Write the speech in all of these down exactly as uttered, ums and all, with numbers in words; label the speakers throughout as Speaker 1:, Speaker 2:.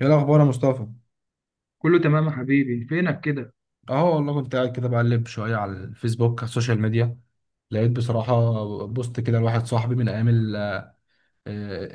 Speaker 1: ايه الاخبار يا مصطفى؟
Speaker 2: كله تمام يا حبيبي فينك كده.
Speaker 1: اهو والله كنت قاعد كده بقلب شويه على الفيسبوك، على السوشيال ميديا. لقيت بصراحه بوست كده لواحد صاحبي من ايام ال- آه،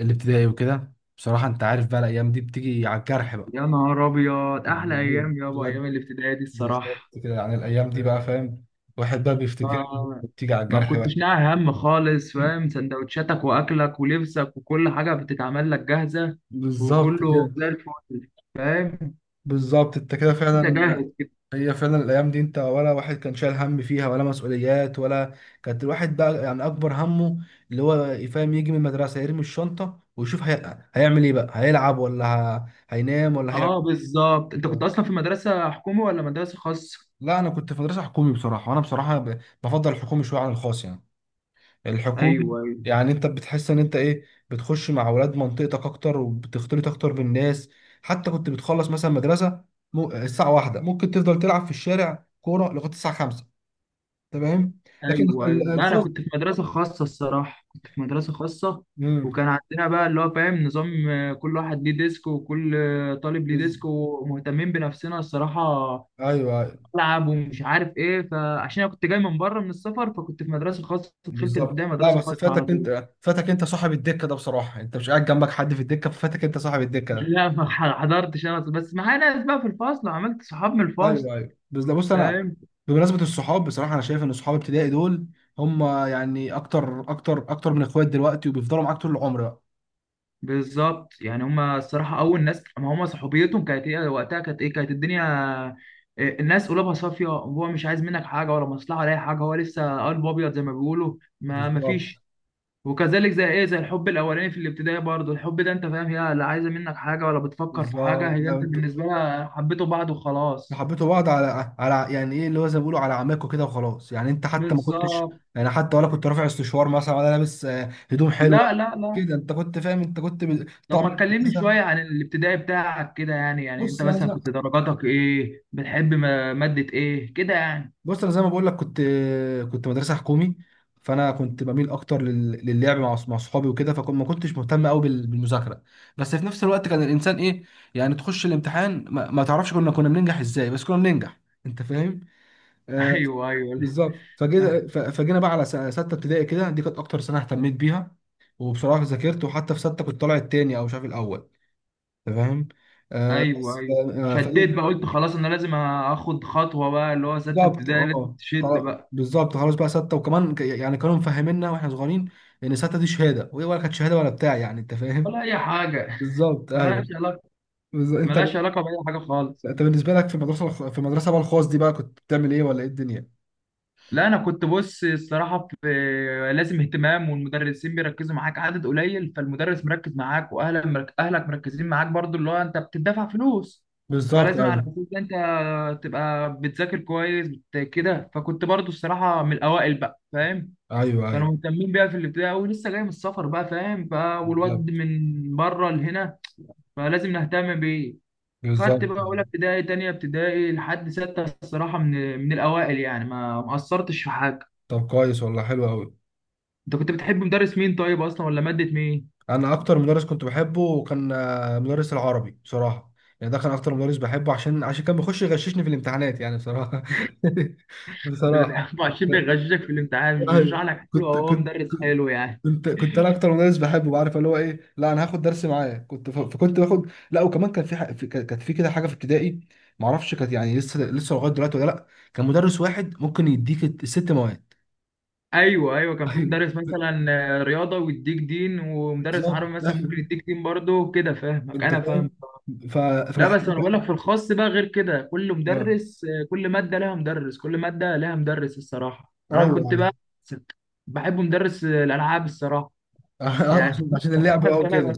Speaker 1: الابتدائي وكده. بصراحه انت عارف بقى الايام دي بتيجي على الجرح بقى.
Speaker 2: يا نهار ابيض، احلى
Speaker 1: يعني ايوه
Speaker 2: ايام يابا
Speaker 1: بجد،
Speaker 2: ايام الابتدائي دي
Speaker 1: بالظبط
Speaker 2: الصراحه.
Speaker 1: كده. يعني الايام دي بقى، فاهم، الواحد بقى بيفتكر،
Speaker 2: ما,
Speaker 1: بتيجي على
Speaker 2: ما
Speaker 1: الجرح بقى.
Speaker 2: كنتش ناقع هم خالص، فاهم؟ سندوتشاتك واكلك ولبسك وكل حاجه بتتعمل لك جاهزه،
Speaker 1: بالظبط
Speaker 2: وكله
Speaker 1: كده.
Speaker 2: زي الفل، فاهم؟
Speaker 1: بالظبط انت كده
Speaker 2: انت
Speaker 1: فعلا.
Speaker 2: جاهز كده.
Speaker 1: هي فعلا الايام دي انت ولا واحد كان شايل هم فيها ولا مسؤوليات ولا، كانت الواحد بقى يعني اكبر همه اللي هو يفهم يجي من المدرسه يرمي الشنطه ويشوف هي... هيعمل ايه بقى، هيلعب ولا ه... هينام ولا هيعمل.
Speaker 2: اه بالظبط، انت كنت
Speaker 1: إيه؟
Speaker 2: اصلا في مدرسه حكومي ولا مدرسه خاصه؟
Speaker 1: لا انا كنت في مدرسه حكومي بصراحه، وانا بصراحه ب... بفضل الحكومي شويه عن الخاص يعني. الحكومي
Speaker 2: ايوه
Speaker 1: يعني انت بتحس ان انت ايه، بتخش مع اولاد منطقتك اكتر وبتختلط اكتر بالناس. حتى كنت بتخلص مثلا مدرسه م... الساعه واحدة، ممكن تفضل تلعب في الشارع كوره لغايه الساعه خمسة. تمام. لكن
Speaker 2: ايوه ايوه،
Speaker 1: ال-
Speaker 2: لا انا
Speaker 1: الخاص،
Speaker 2: كنت في مدرسه خاصه الصراحه، كنت في مدرسه خاصه.
Speaker 1: امم،
Speaker 2: وكان عندنا بقى اللي هو فاهم نظام، آه، كل واحد ليه ديسك، وكل آه، طالب ليه
Speaker 1: بز...
Speaker 2: ديسك، ومهتمين بنفسنا الصراحه.
Speaker 1: ايوه، أيوة،
Speaker 2: العب ومش عارف ايه، فعشان انا كنت جاي من بره من السفر، فكنت في مدرسه خاصه، دخلت الابتدائي
Speaker 1: بالظبط. لا
Speaker 2: مدرسه
Speaker 1: بس
Speaker 2: خاصه على
Speaker 1: فاتك
Speaker 2: طول.
Speaker 1: انت، فاتك انت صاحب الدكه ده. بصراحه انت مش قاعد جنبك حد في الدكه، ففاتك انت صاحب الدكه ده.
Speaker 2: لا ما حضرتش، انا بس معايا ناس بقى في الفصل وعملت صحاب من الفصل.
Speaker 1: ايوه ايوه، بس لا بص انا، بمناسبه الصحاب بصراحه انا شايف ان صحاب ابتدائي دول هم يعني اكتر اكتر اكتر من اخوات دلوقتي، وبيفضلوا معاك طول العمر بقى.
Speaker 2: بالظبط، يعني هما الصراحة أول ناس، ما هما صحوبيتهم كانت إيه وقتها، كانت إيه، كانت الدنيا إيه، الناس قلوبها صافية، وهو مش عايز منك حاجة ولا مصلحة ولا أي حاجة، هو لسه قلب أبيض زي ما بيقولوا، ما
Speaker 1: بالظبط.
Speaker 2: مفيش. وكذلك زي إيه، زي الحب الأولاني في الابتدائي برضه، الحب ده أنت فاهم، هي لا عايزة منك حاجة ولا بتفكر في حاجة،
Speaker 1: بالظبط.
Speaker 2: هي
Speaker 1: لا،
Speaker 2: أنت
Speaker 1: انت
Speaker 2: بالنسبة لها حبيتوا بعض وخلاص.
Speaker 1: حبيتوا بعض على على، يعني ايه اللي هو زي ما بيقولوا على عماكوا كده وخلاص يعني. انت حتى ما كنتش
Speaker 2: بالظبط،
Speaker 1: يعني، حتى ولا كنت رافع استشوار مثلا ولا لابس آه، هدوم حلوه
Speaker 2: لا لا لا.
Speaker 1: كده. انت كنت فاهم، انت كنت بال-
Speaker 2: طب
Speaker 1: طعم
Speaker 2: ما تكلمني
Speaker 1: المدرسه.
Speaker 2: شوية عن الابتدائي بتاعك كده يعني، يعني أنت
Speaker 1: بص انا
Speaker 2: مثلا
Speaker 1: زي
Speaker 2: كنت درجاتك إيه، بتحب م- مادة إيه كده يعني؟
Speaker 1: بص انا زي ما بقول لك، كنت كنت مدرسه حكومي، فانا كنت بميل اكتر لل- للعب مع أص- مع اصحابي وكده، فكنت ما كنتش مهتم قوي بال- بالمذاكره. بس في نفس الوقت كان الانسان ايه، يعني تخش الامتحان ما, ما تعرفش كنا كنا بننجح ازاي، بس كنا بننجح. انت فاهم. آه،
Speaker 2: ايوه ايوه،
Speaker 1: بالظبط.
Speaker 2: لا،
Speaker 1: فجينا ف- فجينا بقى على س- سته ابتدائي كده، دي كانت اكتر سنه اهتميت بيها. وبصراحه ذاكرت، وحتى في سته كنت طالع التاني او مش عارف الاول. انت فاهم. آه
Speaker 2: ايوه
Speaker 1: بس ف-
Speaker 2: ايوه.
Speaker 1: آه،
Speaker 2: شديت
Speaker 1: فدي
Speaker 2: بقى، قلت خلاص انا لازم اخد خطوه بقى، اللي هو سته
Speaker 1: بالظبط.
Speaker 2: ابتدائي لازم
Speaker 1: اه
Speaker 2: تشد
Speaker 1: خلاص-
Speaker 2: بقى.
Speaker 1: بالظبط خلاص بقى سته، وكمان ك- يعني كانوا مفهميننا واحنا صغيرين ان سته دي شهاده، وهي ولا كانت شهاده ولا بتاع، يعني انت فاهم.
Speaker 2: ولا اي حاجه.
Speaker 1: بالظبط
Speaker 2: ملهاش
Speaker 1: ايوه.
Speaker 2: علاقه،
Speaker 1: بالظبط. انت
Speaker 2: ملهاش علاقه باي حاجه خالص.
Speaker 1: انت بالنسبه لك في المدرسه الخ- في المدرسه بقى الخاص دي، بقى كنت بتعمل ايه، ولا ايه الدنيا؟
Speaker 2: لا انا كنت بص الصراحه في، لازم اهتمام، والمدرسين بيركزوا معاك عدد قليل، فالمدرس مركز معاك، واهلك مرك... اهلك مركزين معاك برضو، اللي هو انت بتدفع فلوس،
Speaker 1: بالظبط
Speaker 2: فلازم على
Speaker 1: ايوه.
Speaker 2: اساس ده انت تبقى بتذاكر كويس، بت- كده. فكنت برضو الصراحه من الاوائل بقى، فاهم؟
Speaker 1: ايوه ايوه.
Speaker 2: كانوا مهتمين بيها في الابتدائي قوي، لسه جاي من السفر بقى، فاهم؟ ف
Speaker 1: بالظبط.
Speaker 2: والواد من بره لهنا، فلازم نهتم بيه. خدت
Speaker 1: بالظبط.
Speaker 2: بقى اولى ابتدائي تانية ابتدائي لحد ستة الصراحة، من من الاوائل يعني، ما ما قصرتش في حاجة.
Speaker 1: طب كويس والله، حلو قوي.
Speaker 2: انت كنت بتحب مدرس مين طيب اصلا، ولا مادة مين؟
Speaker 1: انا اكتر مدرس كنت بحبه كان آه، مدرس العربي بصراحه. يعني ده كان اكتر مدرس بحبه عشان عشان كان بيخش يغششني في الامتحانات يعني بصراحه.
Speaker 2: انت
Speaker 1: بصراحه.
Speaker 2: بتحبه عشان بيغششك في الامتحان، مش بيشرح
Speaker 1: ايوه
Speaker 2: لك حلو،
Speaker 1: كنت
Speaker 2: أو هو
Speaker 1: كنت،
Speaker 2: مدرس حلو يعني؟
Speaker 1: كنت كنت انا اكتر مدرس بحبه، عارف اللي هو ايه، لا انا هاخد درس معاه كنت ف- فكنت باخد. لا وكمان كان في ح... في- كان- كانت في كده حاجه في ابتدائي ما اعرفش كانت يعني، لسه لسه لغايه دلوقتي ولا لا، كان مدرس واحد ممكن يديك الست مواد.
Speaker 2: ايوه ايوه، كان في
Speaker 1: ايوه
Speaker 2: مدرس مثلا آه، رياضة ويديك دين، ومدرس
Speaker 1: بالظبط.
Speaker 2: عربي مثلا ممكن
Speaker 1: ايوه،
Speaker 2: يديك دين برضه كده، فاهمك،
Speaker 1: انت
Speaker 2: انا
Speaker 1: فاهم.
Speaker 2: فاهم.
Speaker 1: ف...
Speaker 2: لا بس
Speaker 1: فكانت،
Speaker 2: انا بقول لك في الخاص بقى غير كده، كل
Speaker 1: اه
Speaker 2: مدرس، آه، كل ماده لها مدرس، كل ماده لها مدرس الصراحه.
Speaker 1: ايوه
Speaker 2: انا كنت
Speaker 1: ايوه.
Speaker 2: بقى بحب مدرس آه، الالعاب الصراحه
Speaker 1: آه،
Speaker 2: يعني.
Speaker 1: عشان عشان اللعب اهو
Speaker 2: ده
Speaker 1: كده.
Speaker 2: انا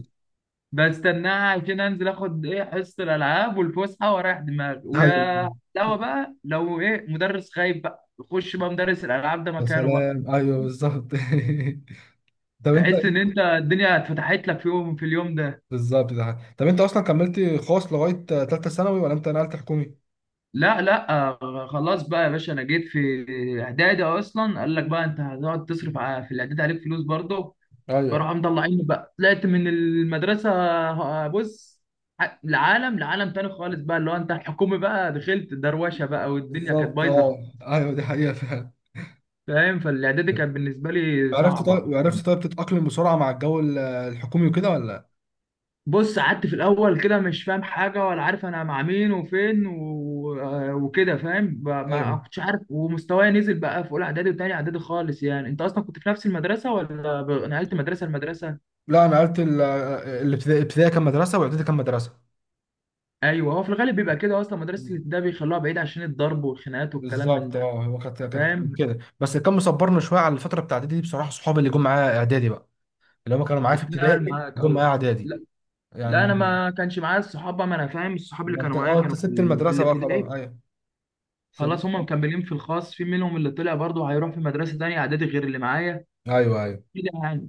Speaker 2: بستناها عشان انزل اخد ايه، حصه الالعاب والفسحه واريح دماغي،
Speaker 1: ايوه.
Speaker 2: ويا لو بقى لو ايه مدرس خايف بقى، يخش بقى مدرس الالعاب ده
Speaker 1: يا
Speaker 2: مكانه بقى.
Speaker 1: سلام، ايوه بالظبط. طب انت،
Speaker 2: تحس ان انت الدنيا اتفتحت لك في يوم، في اليوم ده.
Speaker 1: بالظبط. ده طب انت اصلا كملت خاص لغايه ثالثه ثانوي ولا انت نقلت حكومي؟
Speaker 2: لا لا، آه، خلاص بقى يا باشا، انا جيت في اعدادي اصلا، قال لك بقى انت هتقعد تصرف، ع- في الاعدادي عليك فلوس برضه،
Speaker 1: ايوه
Speaker 2: فراحوا مطلعيني بقى، طلعت من المدرسه. آه، بص، ع- لعالم، لعالم تاني خالص بقى، اللي هو انت الحكومي بقى دخلت دروشه بقى، والدنيا كانت
Speaker 1: بالظبط،
Speaker 2: بايظه،
Speaker 1: اه ايوه دي حقيقه فعلا.
Speaker 2: فاهم؟ فالاعدادي كانت بالنسبه لي
Speaker 1: عرفت
Speaker 2: صعبه.
Speaker 1: طيب، عرفت طيب تتأقلم بسرعة مع الجو ال- الحكومي وكده ولا؟
Speaker 2: بص قعدت في الاول كده مش فاهم حاجه ولا عارف انا مع مين وفين و... آه، وكده، فاهم؟ ب- ما
Speaker 1: ايوه.
Speaker 2: كنتش عارف، ومستواي نزل بقى في اولى اعدادي وتاني اعدادي خالص، يعني. انت اصلا كنت في نفس المدرسه، ولا ب... نقلت مدرسه لمدرسه؟
Speaker 1: لا انا قلت ال- الابتدائي الابتدائي كان مدرسة، واعدادي كان مدرسة.
Speaker 2: ايوه، هو في الغالب بيبقى كده اصلا، مدرسه ده بيخلوها بعيد عشان الضرب والخناقات والكلام من
Speaker 1: بالظبط
Speaker 2: ده،
Speaker 1: اه، هو كانت كانت
Speaker 2: فاهم؟
Speaker 1: كده، بس اللي كان مصبرنا شوية على الفترة بتاع اعدادي دي بصراحة صحابي اللي جم معايا اعدادي بقى، اللي هم كانوا معايا في
Speaker 2: اتنقل
Speaker 1: ابتدائي
Speaker 2: معاك،
Speaker 1: وهم
Speaker 2: ايوه.
Speaker 1: معايا اعدادي
Speaker 2: لا لا، انا
Speaker 1: يعني.
Speaker 2: ما كانش معايا الصحاب بقى، ما انا فاهم، الصحاب اللي
Speaker 1: ما
Speaker 2: كانوا
Speaker 1: انت
Speaker 2: معايا
Speaker 1: اه، انت
Speaker 2: كانوا في
Speaker 1: سبت
Speaker 2: ال- في
Speaker 1: المدرسه بقى خلاص،
Speaker 2: الابتدائي.
Speaker 1: ايوه سبت.
Speaker 2: خلاص هم مكملين في الخاص، في منهم اللي طلع برضه هيروح في مدرسه تانيه اعدادي غير اللي معايا،
Speaker 1: ايوه ايوه
Speaker 2: كده يعني.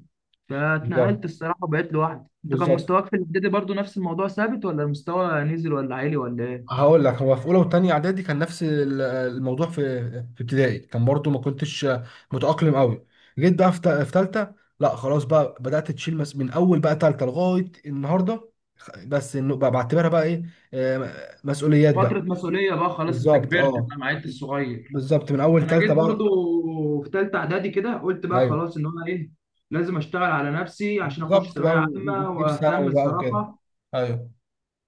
Speaker 1: بالظبط.
Speaker 2: فاتنقلت الصراحة وبقيت لوحدي. انت كان
Speaker 1: بالظبط
Speaker 2: مستواك في الإعدادي برضو نفس الموضوع ثابت، ولا المستوى نزل ولا عالي ولا ايه؟
Speaker 1: هقول لك، هو في اولى وثانيه اعدادي كان نفس ال- الموضوع في في ابتدائي، كان برضو ما كنتش متاقلم قوي. جيت بقى في ثالثه، لا خلاص بقى بدات تشيل مس من اول بقى ثالثه لغايه النهارده. خ- بس انه بقى بعتبرها بقى ايه، آه، مسؤوليات بقى.
Speaker 2: فترة مسؤولية بقى، خلاص انت
Speaker 1: بالظبط
Speaker 2: كبرت
Speaker 1: اه،
Speaker 2: بقى ما عدتش صغير.
Speaker 1: بالظبط من اول
Speaker 2: انا
Speaker 1: ثالثه
Speaker 2: جيت
Speaker 1: بقى.
Speaker 2: برضو في تالتة اعدادي كده، قلت بقى
Speaker 1: ايوه،
Speaker 2: خلاص ان انا ايه، لازم اشتغل على نفسي عشان اخش
Speaker 1: بالظبط
Speaker 2: ثانوية
Speaker 1: بقى، و-
Speaker 2: عامة،
Speaker 1: وتجيب
Speaker 2: واهتم
Speaker 1: ثانوي بقى وكده.
Speaker 2: الصراحة.
Speaker 1: ايوه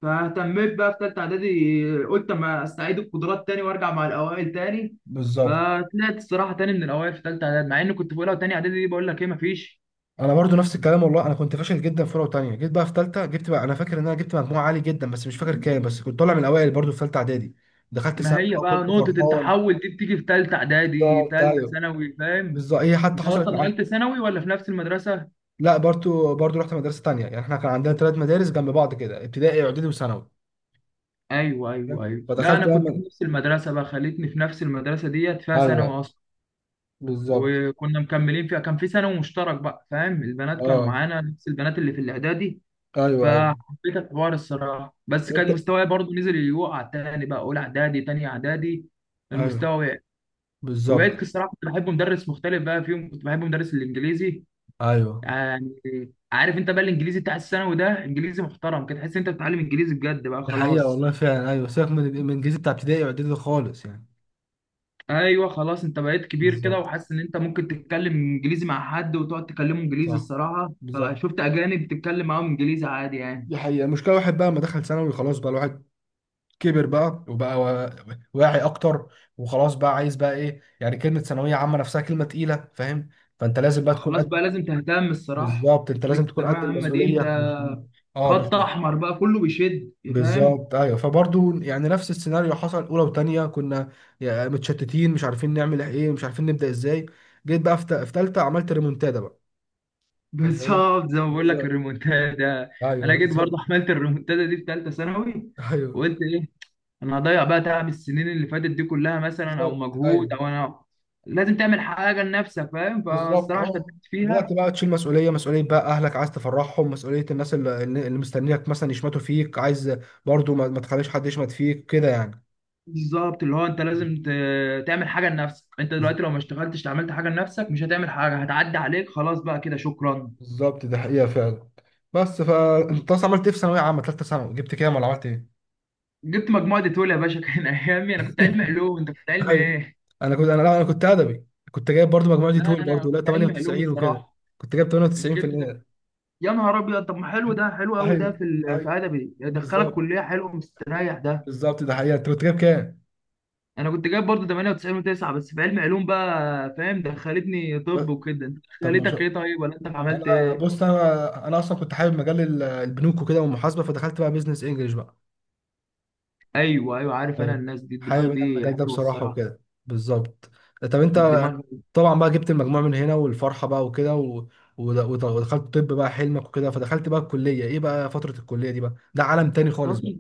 Speaker 2: فاهتميت بقى في تالتة اعدادي، قلت اما استعيد القدرات تاني وارجع مع الاوائل تاني.
Speaker 1: بالظبط.
Speaker 2: فطلعت الصراحة تاني من الاوائل في تالتة اعدادي، مع اني كنت في اولى وتانية اعدادي دي بقول لك ايه، مفيش.
Speaker 1: انا برضو نفس الكلام والله، انا كنت فاشل جدا في اولى وثانيه، جيت بقى في ثالثه جبت بقى، انا فاكر ان انا جبت مجموعه عالي جدا بس مش فاكر كام، بس كنت طالع من الاوائل برضو في ثالثه اعدادي. دخلت
Speaker 2: ما
Speaker 1: ثانوي
Speaker 2: هي
Speaker 1: بقى
Speaker 2: بقى
Speaker 1: كنت
Speaker 2: نقطة
Speaker 1: فرحان.
Speaker 2: التحول دي بتيجي في تالتة إعدادي،
Speaker 1: بالظبط
Speaker 2: تالتة
Speaker 1: ايوه.
Speaker 2: ثانوي، فاهم؟
Speaker 1: بالظبط هي حتى
Speaker 2: أنت
Speaker 1: حصلت
Speaker 2: أصلا نقلت
Speaker 1: معايا.
Speaker 2: ثانوي ولا في نفس المدرسة؟
Speaker 1: لا برضو، برضو رحت مدرسه تانيه، يعني احنا كان عندنا ثلاث مدارس جنب بعض كده، ابتدائي اعدادي وثانوي.
Speaker 2: أيوه
Speaker 1: فاهم؟
Speaker 2: أيوه أيوه، لا أنا
Speaker 1: فدخلت بقى
Speaker 2: كنت في
Speaker 1: من-
Speaker 2: نفس المدرسة بقى، خليتني في نفس المدرسة ديت فيها ثانوي
Speaker 1: ايوه
Speaker 2: أصلا،
Speaker 1: بالظبط
Speaker 2: وكنا مكملين فيها. كان في ثانوي مشترك بقى، فاهم؟ البنات كانوا
Speaker 1: اه.
Speaker 2: معانا، نفس البنات اللي في الإعدادي.
Speaker 1: ايوه ايوه.
Speaker 2: فحبيت الحوار الصراحة،
Speaker 1: لا،
Speaker 2: بس
Speaker 1: طب
Speaker 2: كان
Speaker 1: انت،
Speaker 2: مستواي برضو نزل، يوقع تاني بقى أولى إعدادي تانية إعدادي،
Speaker 1: ايوه
Speaker 2: المستوى وقع.
Speaker 1: بالظبط.
Speaker 2: وبقيت الصراحة كنت بحب مدرس مختلف بقى فيهم، كنت بحب مدرس الإنجليزي
Speaker 1: ايوه
Speaker 2: يعني. عارف انت بقى الانجليزي بتاع الثانوي ده انجليزي محترم كده، تحس انت بتتعلم انجليزي بجد بقى،
Speaker 1: دي حقيقة
Speaker 2: خلاص.
Speaker 1: والله فعلا، أيوة سيبك من من الإنجليزي بتاع ابتدائي وإعدادي خالص يعني.
Speaker 2: ايوه خلاص، انت بقيت كبير كده،
Speaker 1: بالظبط.
Speaker 2: وحاسس ان انت ممكن تتكلم انجليزي مع حد وتقعد تكلمه انجليزي
Speaker 1: صح.
Speaker 2: الصراحه،
Speaker 1: بالظبط.
Speaker 2: فشفت اجانب بتتكلم معاهم انجليزي عادي يعني.
Speaker 1: دي حقيقة المشكلة، الواحد بقى ما دخل ثانوي خلاص بقى الواحد كبر بقى وبقى وا- واعي أكتر، وخلاص بقى عايز بقى إيه، يعني كلمة ثانوية عامة نفسها كلمة تقيلة فاهم، فأنت لازم بقى تكون
Speaker 2: خلاص
Speaker 1: قد،
Speaker 2: بقى لازم تهتم الصراحه،
Speaker 1: بالظبط
Speaker 2: انت
Speaker 1: أنت
Speaker 2: دي
Speaker 1: لازم تكون
Speaker 2: الثانويه
Speaker 1: قد
Speaker 2: العامه دي
Speaker 1: المسؤولية،
Speaker 2: انت،
Speaker 1: مش أه مش
Speaker 2: خط احمر بقى، كله بيشد، فاهم؟
Speaker 1: بالظبط. أيوه، فبرضه يعني نفس السيناريو حصل، أولى وتانية كنا يا- متشتتين مش عارفين نعمل إيه، مش عارفين نبدأ إزاي. جيت بقى في ت- في تالتة عملت ريمونتادا بقى. تمام،
Speaker 2: بالظبط زي ما بقول لك،
Speaker 1: بالظبط
Speaker 2: الريمونتادا.
Speaker 1: ايوه
Speaker 2: انا جيت
Speaker 1: بالظبط
Speaker 2: برضه عملت الريمونتادا دي في ثالثه ثانوي،
Speaker 1: ايوه
Speaker 2: وقلت ايه، انا هضيع بقى تعب السنين اللي فاتت دي كلها مثلا، او
Speaker 1: بالظبط
Speaker 2: مجهود،
Speaker 1: ايوه.
Speaker 2: او انا لازم تعمل حاجه لنفسك، فاهم؟
Speaker 1: بالظبط
Speaker 2: فالصراحه شدت
Speaker 1: اه، بدأت
Speaker 2: فيها.
Speaker 1: بقى تشيل مسؤولية مسؤولية بقى، أهلك عايز تفرحهم، مسؤولية الناس اللي, اللي مستنيك مثلا يشمتوا فيك، عايز برضو ما, ما تخليش حد يشمت فيك كده يعني.
Speaker 2: بالظبط، اللي هو انت لازم ت- تعمل حاجه لنفسك، انت دلوقتي لو ما اشتغلتش عملت حاجه لنفسك، مش هتعمل حاجه، هتعدي عليك خلاص بقى كده، شكرا.
Speaker 1: بالظبط ده حقيقة فعلا. بس فأنت أصلا عملت إيه في ثانوية عامة تالتة ثانوي، جبت كام ولا عملت إيه؟
Speaker 2: جبت مجموعه ديتول يا باشا. كان ايامي انا كنت علم علوم، انت كنت علم
Speaker 1: ايوه
Speaker 2: ايه؟
Speaker 1: انا كنت، انا لا انا كنت ادبي. كنت جايب برضو مجموعتي
Speaker 2: لا
Speaker 1: طول
Speaker 2: انا
Speaker 1: برضو، لا
Speaker 2: كنت علم علوم
Speaker 1: تمانية وتسعين وكده،
Speaker 2: الصراحه.
Speaker 1: كنت جايب
Speaker 2: جبت ده،
Speaker 1: تمانية وتسعين بالمية.
Speaker 2: يا نهار ابيض، طب ما حلو ده، حلو قوي ده
Speaker 1: ايوه
Speaker 2: في ال- في
Speaker 1: ايوه
Speaker 2: ادبي، يدخلك
Speaker 1: بالظبط.
Speaker 2: كليه حلوه مستريح ده.
Speaker 1: بالظبط ده حقيقة، انت كنت جايب كام؟
Speaker 2: انا كنت جايب برضه ثمانية وتسعين و9 بس في علم علوم بقى، فاهم؟ دخلتني طب وكده، انت
Speaker 1: طب ما
Speaker 2: دخلتك
Speaker 1: شاء.
Speaker 2: ايه طيب، ولا انت عملت
Speaker 1: انا
Speaker 2: ايه؟
Speaker 1: بص انا، انا اصلا كنت حابب مجال ال- البنوك وكده، والمحاسبة، فدخلت بقى بيزنس انجلش بقى.
Speaker 2: ايوه ايوه، عارف انا
Speaker 1: ايوه
Speaker 2: الناس دي الدماغ
Speaker 1: حابب انا
Speaker 2: دي
Speaker 1: المجال ده
Speaker 2: حلوه
Speaker 1: بصراحة
Speaker 2: الصراحه،
Speaker 1: وكده. بالظبط طب انت،
Speaker 2: الدماغ.
Speaker 1: طبعا بقى جبت المجموع من هنا والفرحة بقى وكده و... ود- ود- ودخلت طب بقى حلمك وكده، فدخلت بقى الكلية ايه بقى، فترة الكلية دي بقى ده عالم تاني خالص
Speaker 2: فترة،
Speaker 1: بقى.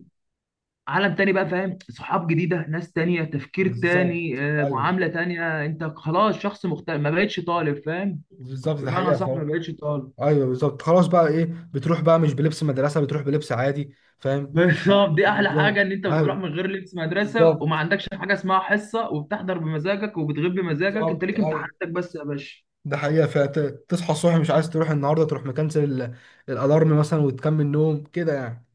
Speaker 2: عالم تاني بقى، فاهم؟ صحاب جديده، ناس تانية، تفكير تاني،
Speaker 1: بالظبط
Speaker 2: آه،
Speaker 1: ايوه.
Speaker 2: معامله تانية، انت خلاص شخص مختلف، ما بقتش طالب، فاهم؟
Speaker 1: بالظبط ده
Speaker 2: بمعنى
Speaker 1: حقيقة
Speaker 2: صح ما
Speaker 1: خالص.
Speaker 2: بقتش طالب.
Speaker 1: ايوه بالظبط، خلاص بقى ايه، بتروح بقى مش بلبس مدرسه، بتروح بلبس عادي، فاهم.
Speaker 2: بالظبط، دي احلى حاجه
Speaker 1: بالظبط
Speaker 2: ان انت بتروح
Speaker 1: ايوه.
Speaker 2: من غير لبس مدرسه، وما
Speaker 1: بالظبط.
Speaker 2: عندكش حاجه اسمها حصه، وبتحضر بمزاجك وبتغيب بمزاجك، انت
Speaker 1: بالظبط
Speaker 2: ليك
Speaker 1: ايوه،
Speaker 2: امتحاناتك بس يا باشا.
Speaker 1: ده حقيقه، فتصحى الصبح مش عايز تروح النهارده، تروح مكنسل ال- الالارم مثلا وتكمل نوم كده يعني.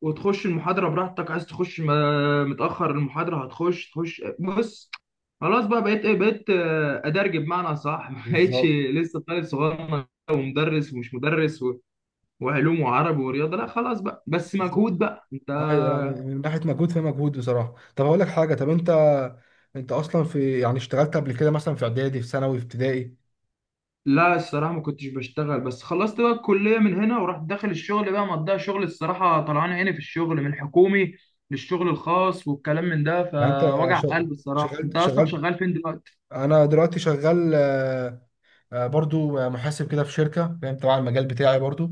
Speaker 2: وتخش المحاضرة براحتك، عايز تخش م- متأخر المحاضرة هتخش، تخش بص. خلاص بقى بقيت ايه، بقيت آه، أدرج بمعنى صح. ما بقتش
Speaker 1: بالظبط.
Speaker 2: لسه طالب صغير ومدرس ومش مدرس و- وعلوم وعربي ورياضة، لا خلاص بقى، بس مجهود
Speaker 1: بالظبط.
Speaker 2: بقى انت.
Speaker 1: ايوه لا من من ناحيه مجهود في مجهود بصراحه. طب هقول لك حاجه، طب انت، انت اصلا في يعني اشتغلت قبل كده مثلا في اعدادي في ثانوي في ابتدائي؟
Speaker 2: لا الصراحة ما كنتش بشتغل، بس خلصت بقى الكلية من هنا ورحت داخل الشغل بقى، مضيع شغل الصراحة، طلعان عيني في الشغل من الحكومي للشغل الخاص والكلام من ده،
Speaker 1: يعني انت
Speaker 2: فوجع قلب الصراحة.
Speaker 1: شغلت
Speaker 2: انت اصلا
Speaker 1: شغلت
Speaker 2: شغال فين دلوقتي؟
Speaker 1: انا دلوقتي شغال آه، برضو آه، محاسب كده في شركة فاهم، تبع المجال بتاعي برضو،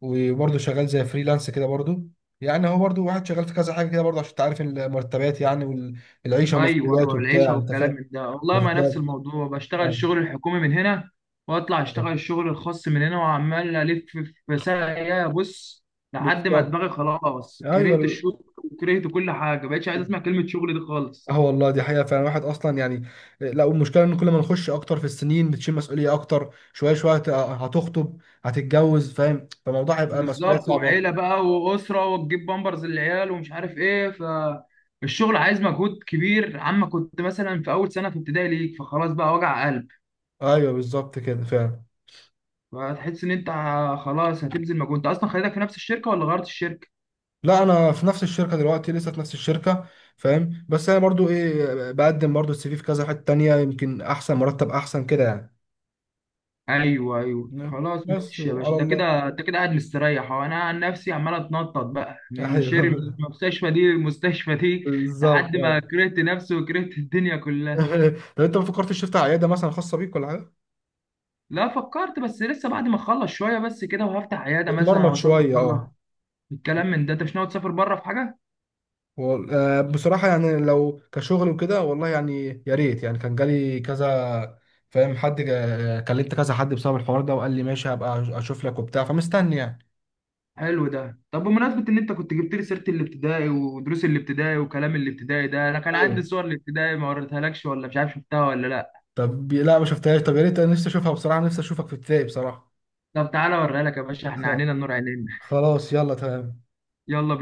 Speaker 1: وبرضو شغال زي فريلانس كده برضو، يعني هو برضو واحد شغال في كذا حاجة كده برضو، عشان تعرف المرتبات يعني والعيشة
Speaker 2: ايوه
Speaker 1: ومسؤوليات
Speaker 2: ايوه، العيشه
Speaker 1: وبتاع، انت
Speaker 2: والكلام
Speaker 1: فاهم.
Speaker 2: من ده، والله ما نفس
Speaker 1: بالظبط.
Speaker 2: الموضوع، بشتغل
Speaker 1: آه،
Speaker 2: الشغل الحكومي من هنا، واطلع اشتغل الشغل الخاص من هنا، وعمال الف في ساقية بص، لحد ما
Speaker 1: بالظبط
Speaker 2: دماغي خلاص كرهت
Speaker 1: ايوه.
Speaker 2: الشغل، وكرهت كل حاجه، بقيتش عايز اسمع كلمه شغل دي خالص.
Speaker 1: اه والله دي حقيقة فعلا، الواحد اصلا يعني، لا والمشكلة ان كل ما نخش اكتر في السنين بتشيل مسؤولية اكتر، شوية شوية هت- هتخطب، هتتجوز فاهم، فالموضوع هيبقى مسؤولية
Speaker 2: بالظبط،
Speaker 1: صعبة اكتر.
Speaker 2: وعيله بقى واسره، وتجيب بامبرز للعيال ومش عارف ايه، فالشغل عايز مجهود كبير عما كنت مثلا في اول سنه في ابتدائي ليك، فخلاص بقى وجع قلب.
Speaker 1: ايوه بالظبط كده فعلا.
Speaker 2: فتحس ان انت خلاص هتبذل مجهود. انت اصلا خليتك في نفس الشركه ولا غيرت الشركه؟
Speaker 1: لا انا في نفس الشركه دلوقتي، لسه في نفس الشركه فاهم، بس انا برضو ايه، بقدم برضو السي في في كذا حته تانية، يمكن احسن مرتب احسن كده يعني.
Speaker 2: ايوه ايوه
Speaker 1: نعم.
Speaker 2: خلاص
Speaker 1: بس
Speaker 2: ماشي يا باشا،
Speaker 1: وعلى
Speaker 2: ده
Speaker 1: الله.
Speaker 2: كده انت كده قاعد مستريح اهو، انا عن نفسي عمال اتنطط بقى من
Speaker 1: ايوه
Speaker 2: شير، من المستشفى دي للمستشفى دي، لحد
Speaker 1: بالظبط
Speaker 2: ما
Speaker 1: ايوه.
Speaker 2: كرهت نفسي وكرهت الدنيا كلها.
Speaker 1: طب انت ما فكرتش تفتح عياده مثلا خاصه بيك ولا حاجه؟
Speaker 2: لا فكرت، بس لسه بعد ما اخلص شويه بس كده، وهفتح عياده مثلا
Speaker 1: تتمرمط
Speaker 2: او اسافر
Speaker 1: شويه اه.
Speaker 2: بره. الكلام من ده، انت مش ناوي تسافر بره في حاجه؟
Speaker 1: وال- آه، بصراحه يعني لو كشغل وكده، والله يعني يا ريت، يعني كان جالي كذا فاهم، حد جا- كلمت كذا حد بسبب الحوار ده وقال لي ماشي هبقى اشوف لك وبتاع، فمستني يعني.
Speaker 2: حلو ده. طب بمناسبه ان انت كنت جبت لي سيره الابتدائي ودروس الابتدائي وكلام الابتدائي ده، انا كان عندي
Speaker 1: ايوه
Speaker 2: صور الابتدائي، ما وريتها لكش ولا مش عارف، شفتها ولا لا؟
Speaker 1: طب، لا ما شفتهاش، طب يا ريت انا نفسي اشوفها بصراحه، نفسي اشوفك في ابتدائي بصراحه.
Speaker 2: طب تعالى اوريها لك يا باشا، احنا
Speaker 1: خ-
Speaker 2: عنينا النور، عينينا.
Speaker 1: خلاص يلا تمام.
Speaker 2: يلا.